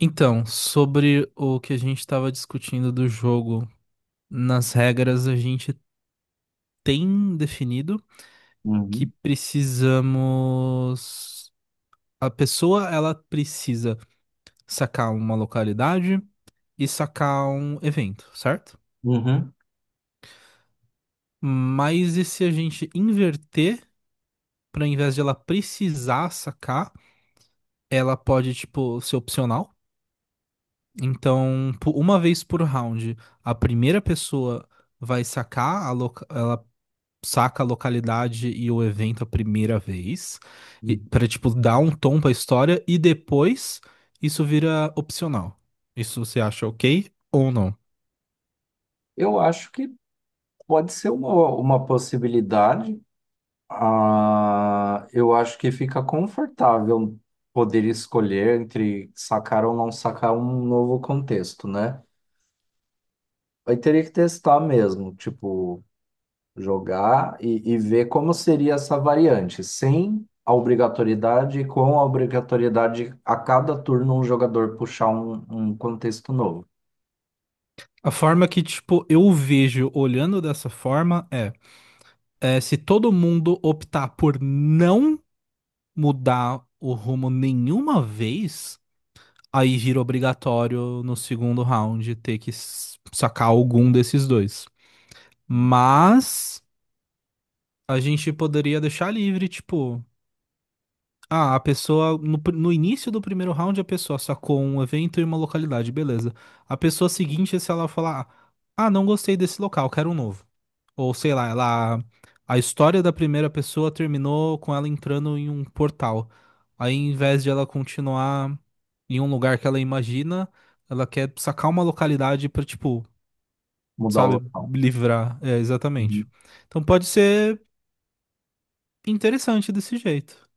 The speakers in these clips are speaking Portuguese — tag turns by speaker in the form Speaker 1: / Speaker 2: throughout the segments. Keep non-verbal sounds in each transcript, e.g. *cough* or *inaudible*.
Speaker 1: Então, sobre o que a gente estava discutindo do jogo, nas regras a gente tem definido que
Speaker 2: Uhum,
Speaker 1: precisamos. A pessoa ela precisa sacar uma localidade e sacar um evento, certo?
Speaker 2: uhum,
Speaker 1: Mas e se a gente inverter, para invés de ela precisar sacar, ela pode, tipo, ser opcional? Então, uma vez por round, a primeira pessoa vai sacar a, saca a localidade e o evento a primeira vez,
Speaker 2: uhum.
Speaker 1: para tipo, dar um tom pra história e depois isso vira opcional. Isso você acha ok ou não?
Speaker 2: Eu acho que pode ser uma possibilidade. Ah, eu acho que fica confortável poder escolher entre sacar ou não sacar um novo contexto, né? Aí teria que testar mesmo, tipo, jogar e ver como seria essa variante, sem a obrigatoriedade e com a obrigatoriedade a cada turno um jogador puxar um contexto novo,
Speaker 1: A forma que, tipo, eu vejo olhando dessa forma é se todo mundo optar por não mudar o rumo nenhuma vez, aí vira obrigatório no segundo round ter que sacar algum desses dois. Mas a gente poderia deixar livre, tipo, ah, a pessoa, no, no início do primeiro round, a pessoa sacou um evento e uma localidade, beleza. A pessoa seguinte, se ela falar, ah, não gostei desse local, quero um novo. Ou sei lá, ela, a história da primeira pessoa terminou com ela entrando em um portal. Aí, em vez de ela continuar em um lugar que ela imagina, ela quer sacar uma localidade pra, tipo,
Speaker 2: mudar o
Speaker 1: sabe,
Speaker 2: local.
Speaker 1: livrar. É, exatamente. Então pode ser interessante desse jeito.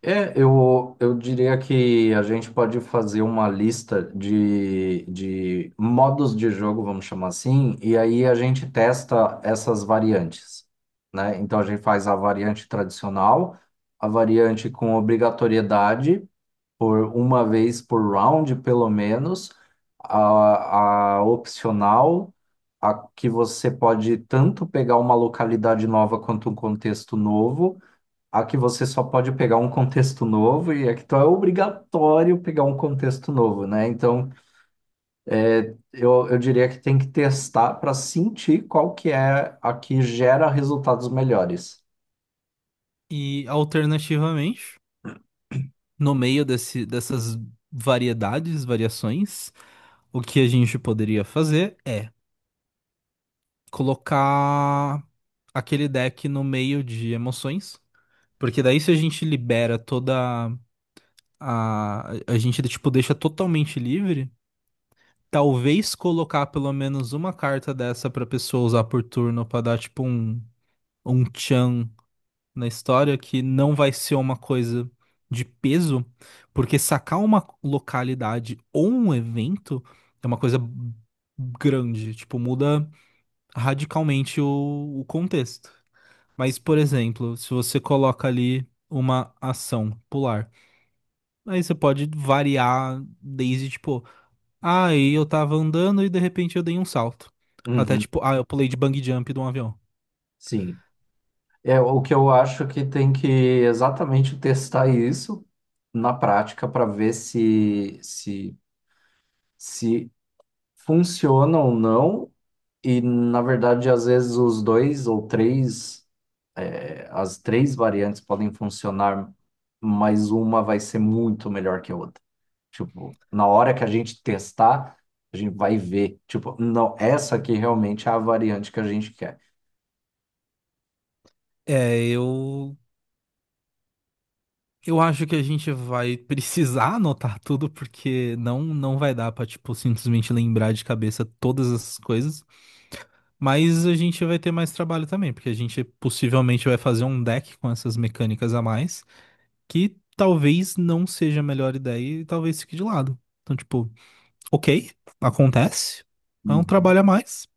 Speaker 2: É, eu diria que a gente pode fazer uma lista de modos de jogo, vamos chamar assim, e aí a gente testa essas variantes, né? Então a gente faz a variante tradicional, a variante com obrigatoriedade, por uma vez por round, pelo menos, a opcional, a que você pode tanto pegar uma localidade nova quanto um contexto novo, a que você só pode pegar um contexto novo e a que então é obrigatório pegar um contexto novo, né? Então, eu diria que tem que testar para sentir qual que é a que gera resultados melhores.
Speaker 1: E alternativamente, no meio dessas variações, o que a gente poderia fazer é colocar aquele deck no meio de emoções, porque daí se a gente libera toda a a gente tipo deixa totalmente livre, talvez colocar pelo menos uma carta dessa pra pessoa usar por turno pra dar tipo um tchan na história que não vai ser uma coisa de peso, porque sacar uma localidade ou um evento é uma coisa grande, tipo, muda radicalmente o contexto. Mas, por exemplo, se você coloca ali uma ação pular, aí você pode variar desde, tipo, ah, e eu tava andando e de repente eu dei um salto. Até
Speaker 2: Uhum,
Speaker 1: tipo, ah, eu pulei de bungee jump de um avião.
Speaker 2: sim. É o que eu acho que tem que exatamente testar isso na prática para ver se funciona ou não. E, na verdade, às vezes os dois ou três as três variantes podem funcionar, mas uma vai ser muito melhor que a outra. Tipo, na hora que a gente testar, a gente vai ver. Tipo, não, essa aqui realmente é a variante que a gente quer.
Speaker 1: É, eu acho que a gente vai precisar *laughs* anotar tudo, porque não vai dar pra, tipo, simplesmente lembrar de cabeça todas essas coisas. Mas a gente vai ter mais trabalho também, porque a gente possivelmente vai fazer um deck com essas mecânicas a mais, que talvez não seja a melhor ideia e talvez fique de lado. Então, tipo, ok, acontece, é um
Speaker 2: Uhum.
Speaker 1: trabalho a mais.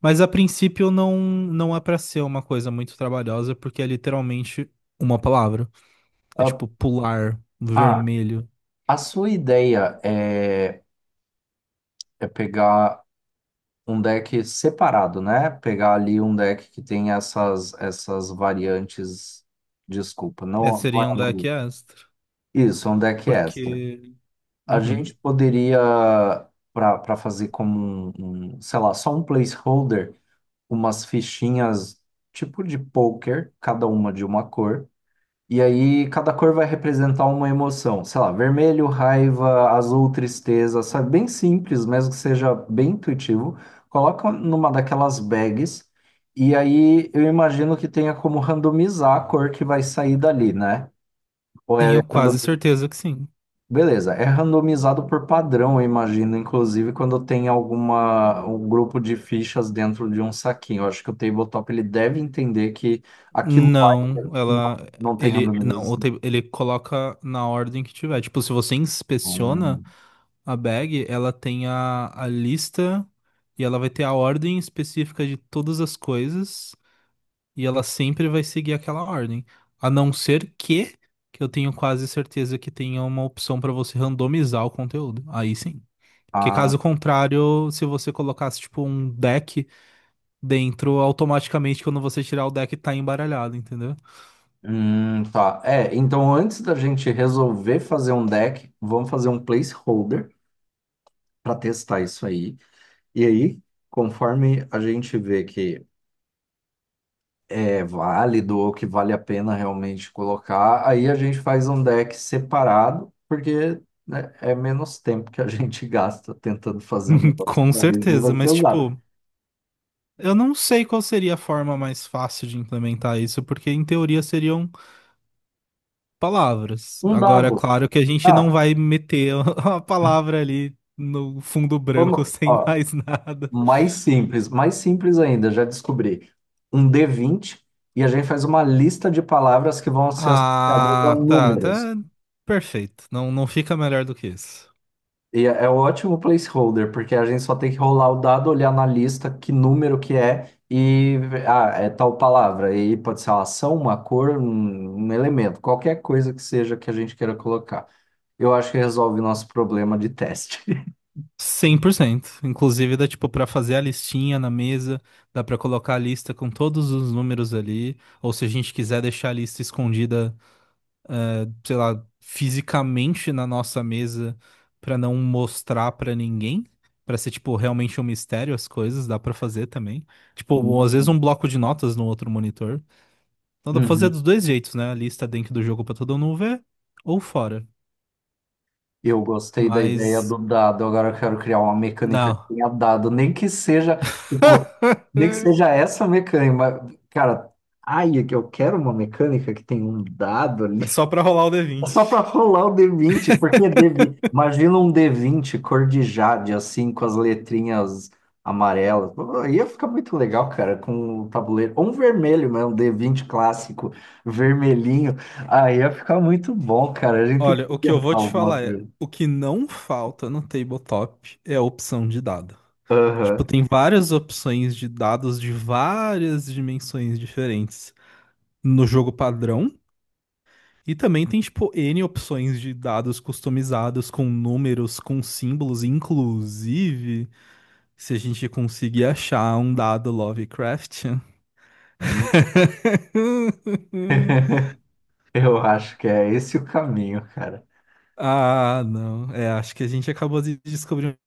Speaker 1: Mas a princípio não é pra ser uma coisa muito trabalhosa, porque é literalmente uma palavra. É
Speaker 2: Ah,
Speaker 1: tipo pular,
Speaker 2: ah,
Speaker 1: vermelho.
Speaker 2: a sua ideia é pegar um deck separado, né? Pegar ali um deck que tem essas variantes. Desculpa,
Speaker 1: É,
Speaker 2: não, não é.
Speaker 1: seriam da Astra.
Speaker 2: Isso, é um deck extra.
Speaker 1: Porque.
Speaker 2: A
Speaker 1: Uhum.
Speaker 2: gente poderia, para fazer como um, sei lá, só um placeholder, umas fichinhas tipo de poker, cada uma de uma cor. E aí cada cor vai representar uma emoção. Sei lá, vermelho, raiva, azul, tristeza, sabe? Bem simples, mesmo que seja bem intuitivo. Coloca numa daquelas bags. E aí eu imagino que tenha como randomizar a cor que vai sair dali, né? Ou é.
Speaker 1: Tenho quase certeza que sim.
Speaker 2: Beleza, é randomizado por padrão, eu imagino, inclusive quando tem alguma um grupo de fichas dentro de um saquinho. Eu acho que o tabletop ele deve entender que aquilo lá
Speaker 1: Não,
Speaker 2: não,
Speaker 1: ela.
Speaker 2: não tem
Speaker 1: Ele. Não, ou
Speaker 2: randomização.
Speaker 1: ele coloca na ordem que tiver. Tipo, se você inspeciona
Speaker 2: Hum,
Speaker 1: a bag, ela tem a lista e ela vai ter a ordem específica de todas as coisas. E ela sempre vai seguir aquela ordem. A não ser que eu tenho quase certeza que tenha uma opção pra você randomizar o conteúdo. Aí sim. Que
Speaker 2: ah,
Speaker 1: caso contrário, se você colocasse tipo um deck dentro, automaticamente quando você tirar o deck tá embaralhado, entendeu?
Speaker 2: tá. É, então antes da gente resolver fazer um deck, vamos fazer um placeholder para testar isso aí. E aí, conforme a gente vê que é válido ou que vale a pena realmente colocar, aí a gente faz um deck separado, porque, né, é menos tempo que a *laughs* gente gasta tentando fazer um
Speaker 1: *laughs*
Speaker 2: negócio que
Speaker 1: Com
Speaker 2: talvez não
Speaker 1: certeza,
Speaker 2: vai ser
Speaker 1: mas
Speaker 2: usado.
Speaker 1: tipo, eu não sei qual seria a forma mais fácil de implementar isso, porque em teoria seriam palavras.
Speaker 2: Um
Speaker 1: Agora, é
Speaker 2: dado.
Speaker 1: claro que a gente não
Speaker 2: Ah,
Speaker 1: vai meter *laughs* a palavra ali no fundo branco *laughs*
Speaker 2: vamos,
Speaker 1: sem
Speaker 2: ó,
Speaker 1: mais nada.
Speaker 2: mais simples ainda, já descobri. Um D20, e a gente faz uma lista de palavras que vão ser associadas a
Speaker 1: Ah, tá,
Speaker 2: números.
Speaker 1: tá perfeito. Não, não fica melhor do que isso.
Speaker 2: E é um ótimo placeholder, porque a gente só tem que rolar o dado, olhar na lista que número que é e ah, é tal palavra. E pode ser uma ação, uma cor, um elemento, qualquer coisa que seja que a gente queira colocar. Eu acho que resolve o nosso problema de teste. *laughs*
Speaker 1: 100%. Inclusive, dá tipo pra fazer a listinha na mesa, dá pra colocar a lista com todos os números ali, ou se a gente quiser deixar a lista escondida, sei lá, fisicamente na nossa mesa pra não mostrar pra ninguém, pra ser tipo realmente um mistério as coisas, dá pra fazer também. Tipo, ou às vezes
Speaker 2: Uhum.
Speaker 1: um bloco de notas no outro monitor. Então dá pra fazer
Speaker 2: Uhum.
Speaker 1: dos dois jeitos, né? A lista dentro do jogo pra todo mundo ver ou fora.
Speaker 2: Eu gostei da ideia
Speaker 1: Mas
Speaker 2: do dado. Agora eu quero criar uma mecânica que
Speaker 1: não.
Speaker 2: tenha dado, nem que seja, tipo, nem que
Speaker 1: *laughs*
Speaker 2: seja essa mecânica, mas, cara, ai, é que eu quero uma mecânica que tenha um dado.
Speaker 1: É só pra rolar o d
Speaker 2: É,
Speaker 1: vinte.
Speaker 2: só pra rolar o D20, porque D20, imagina um D20 cor de jade, assim, com as letrinhas amarelas. Pô, ia ficar muito legal, cara, com o tabuleiro. Ou um vermelho mesmo, D20 clássico, vermelhinho. Aí ia ficar muito bom, cara. A gente tem que
Speaker 1: Olha, o que eu
Speaker 2: inventar
Speaker 1: vou te
Speaker 2: alguma
Speaker 1: falar é,
Speaker 2: coisa.
Speaker 1: o que não falta no tabletop é a opção de dado. Tipo,
Speaker 2: Aham.
Speaker 1: tem várias opções de dados de várias dimensões diferentes no jogo padrão. E também tem, tipo, N opções de dados customizados com números, com símbolos, inclusive, se a gente conseguir achar um dado Lovecraftian. *laughs*
Speaker 2: *laughs* Eu acho que é esse o caminho, cara.
Speaker 1: Ah, não. É, acho que a gente acabou de descobrir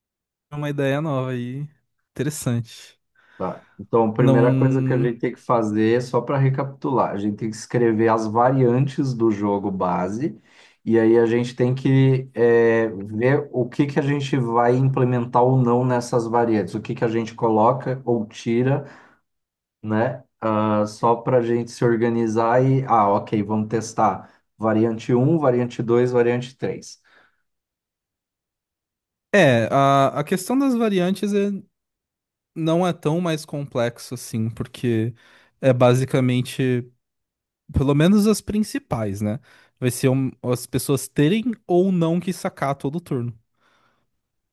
Speaker 1: uma ideia nova aí. Interessante.
Speaker 2: Tá. Então, a primeira coisa que a
Speaker 1: Não.
Speaker 2: gente tem que fazer, só para recapitular, a gente tem que escrever as variantes do jogo base, e aí a gente tem que ver o que que a gente vai implementar ou não nessas variantes, o que que a gente coloca ou tira, né? Ah, só para a gente se organizar e, ah, ok, vamos testar variante um, variante dois, variante três.
Speaker 1: É, a questão das variantes é, não é tão mais complexo assim, porque é basicamente, pelo menos as principais, né? Vai ser as pessoas terem ou não que sacar todo turno,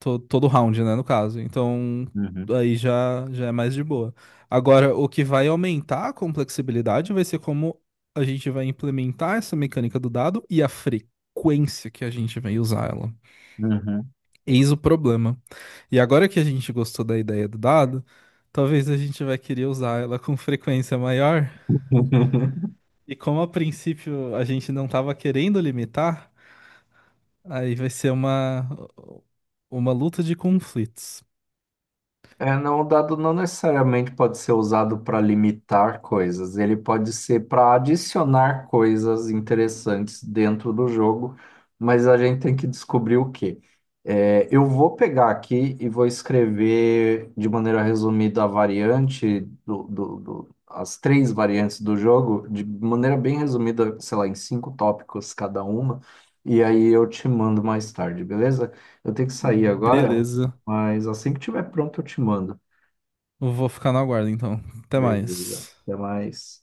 Speaker 1: todo round, né, no caso. Então,
Speaker 2: Uhum,
Speaker 1: aí já, já é mais de boa. Agora, o que vai aumentar a complexibilidade vai ser como a gente vai implementar essa mecânica do dado e a frequência que a gente vai usar ela.
Speaker 2: uhum.
Speaker 1: Eis o problema. E agora que a gente gostou da ideia do dado, talvez a gente vai querer usar ela com frequência maior.
Speaker 2: *laughs*
Speaker 1: E como a princípio a gente não estava querendo limitar, aí vai ser uma luta de conflitos.
Speaker 2: É, não, o dado não necessariamente pode ser usado para limitar coisas, ele pode ser para adicionar coisas interessantes dentro do jogo, mas a gente tem que descobrir o quê. É, eu vou pegar aqui e vou escrever de maneira resumida a variante do as três variantes do jogo, de maneira bem resumida, sei lá, em cinco tópicos cada uma, e aí eu te mando mais tarde, beleza? Eu tenho que sair agora.
Speaker 1: Beleza.
Speaker 2: Mas assim que tiver pronto, eu te mando.
Speaker 1: Eu vou ficar na guarda então. Até
Speaker 2: Beleza.
Speaker 1: mais.
Speaker 2: Até mais.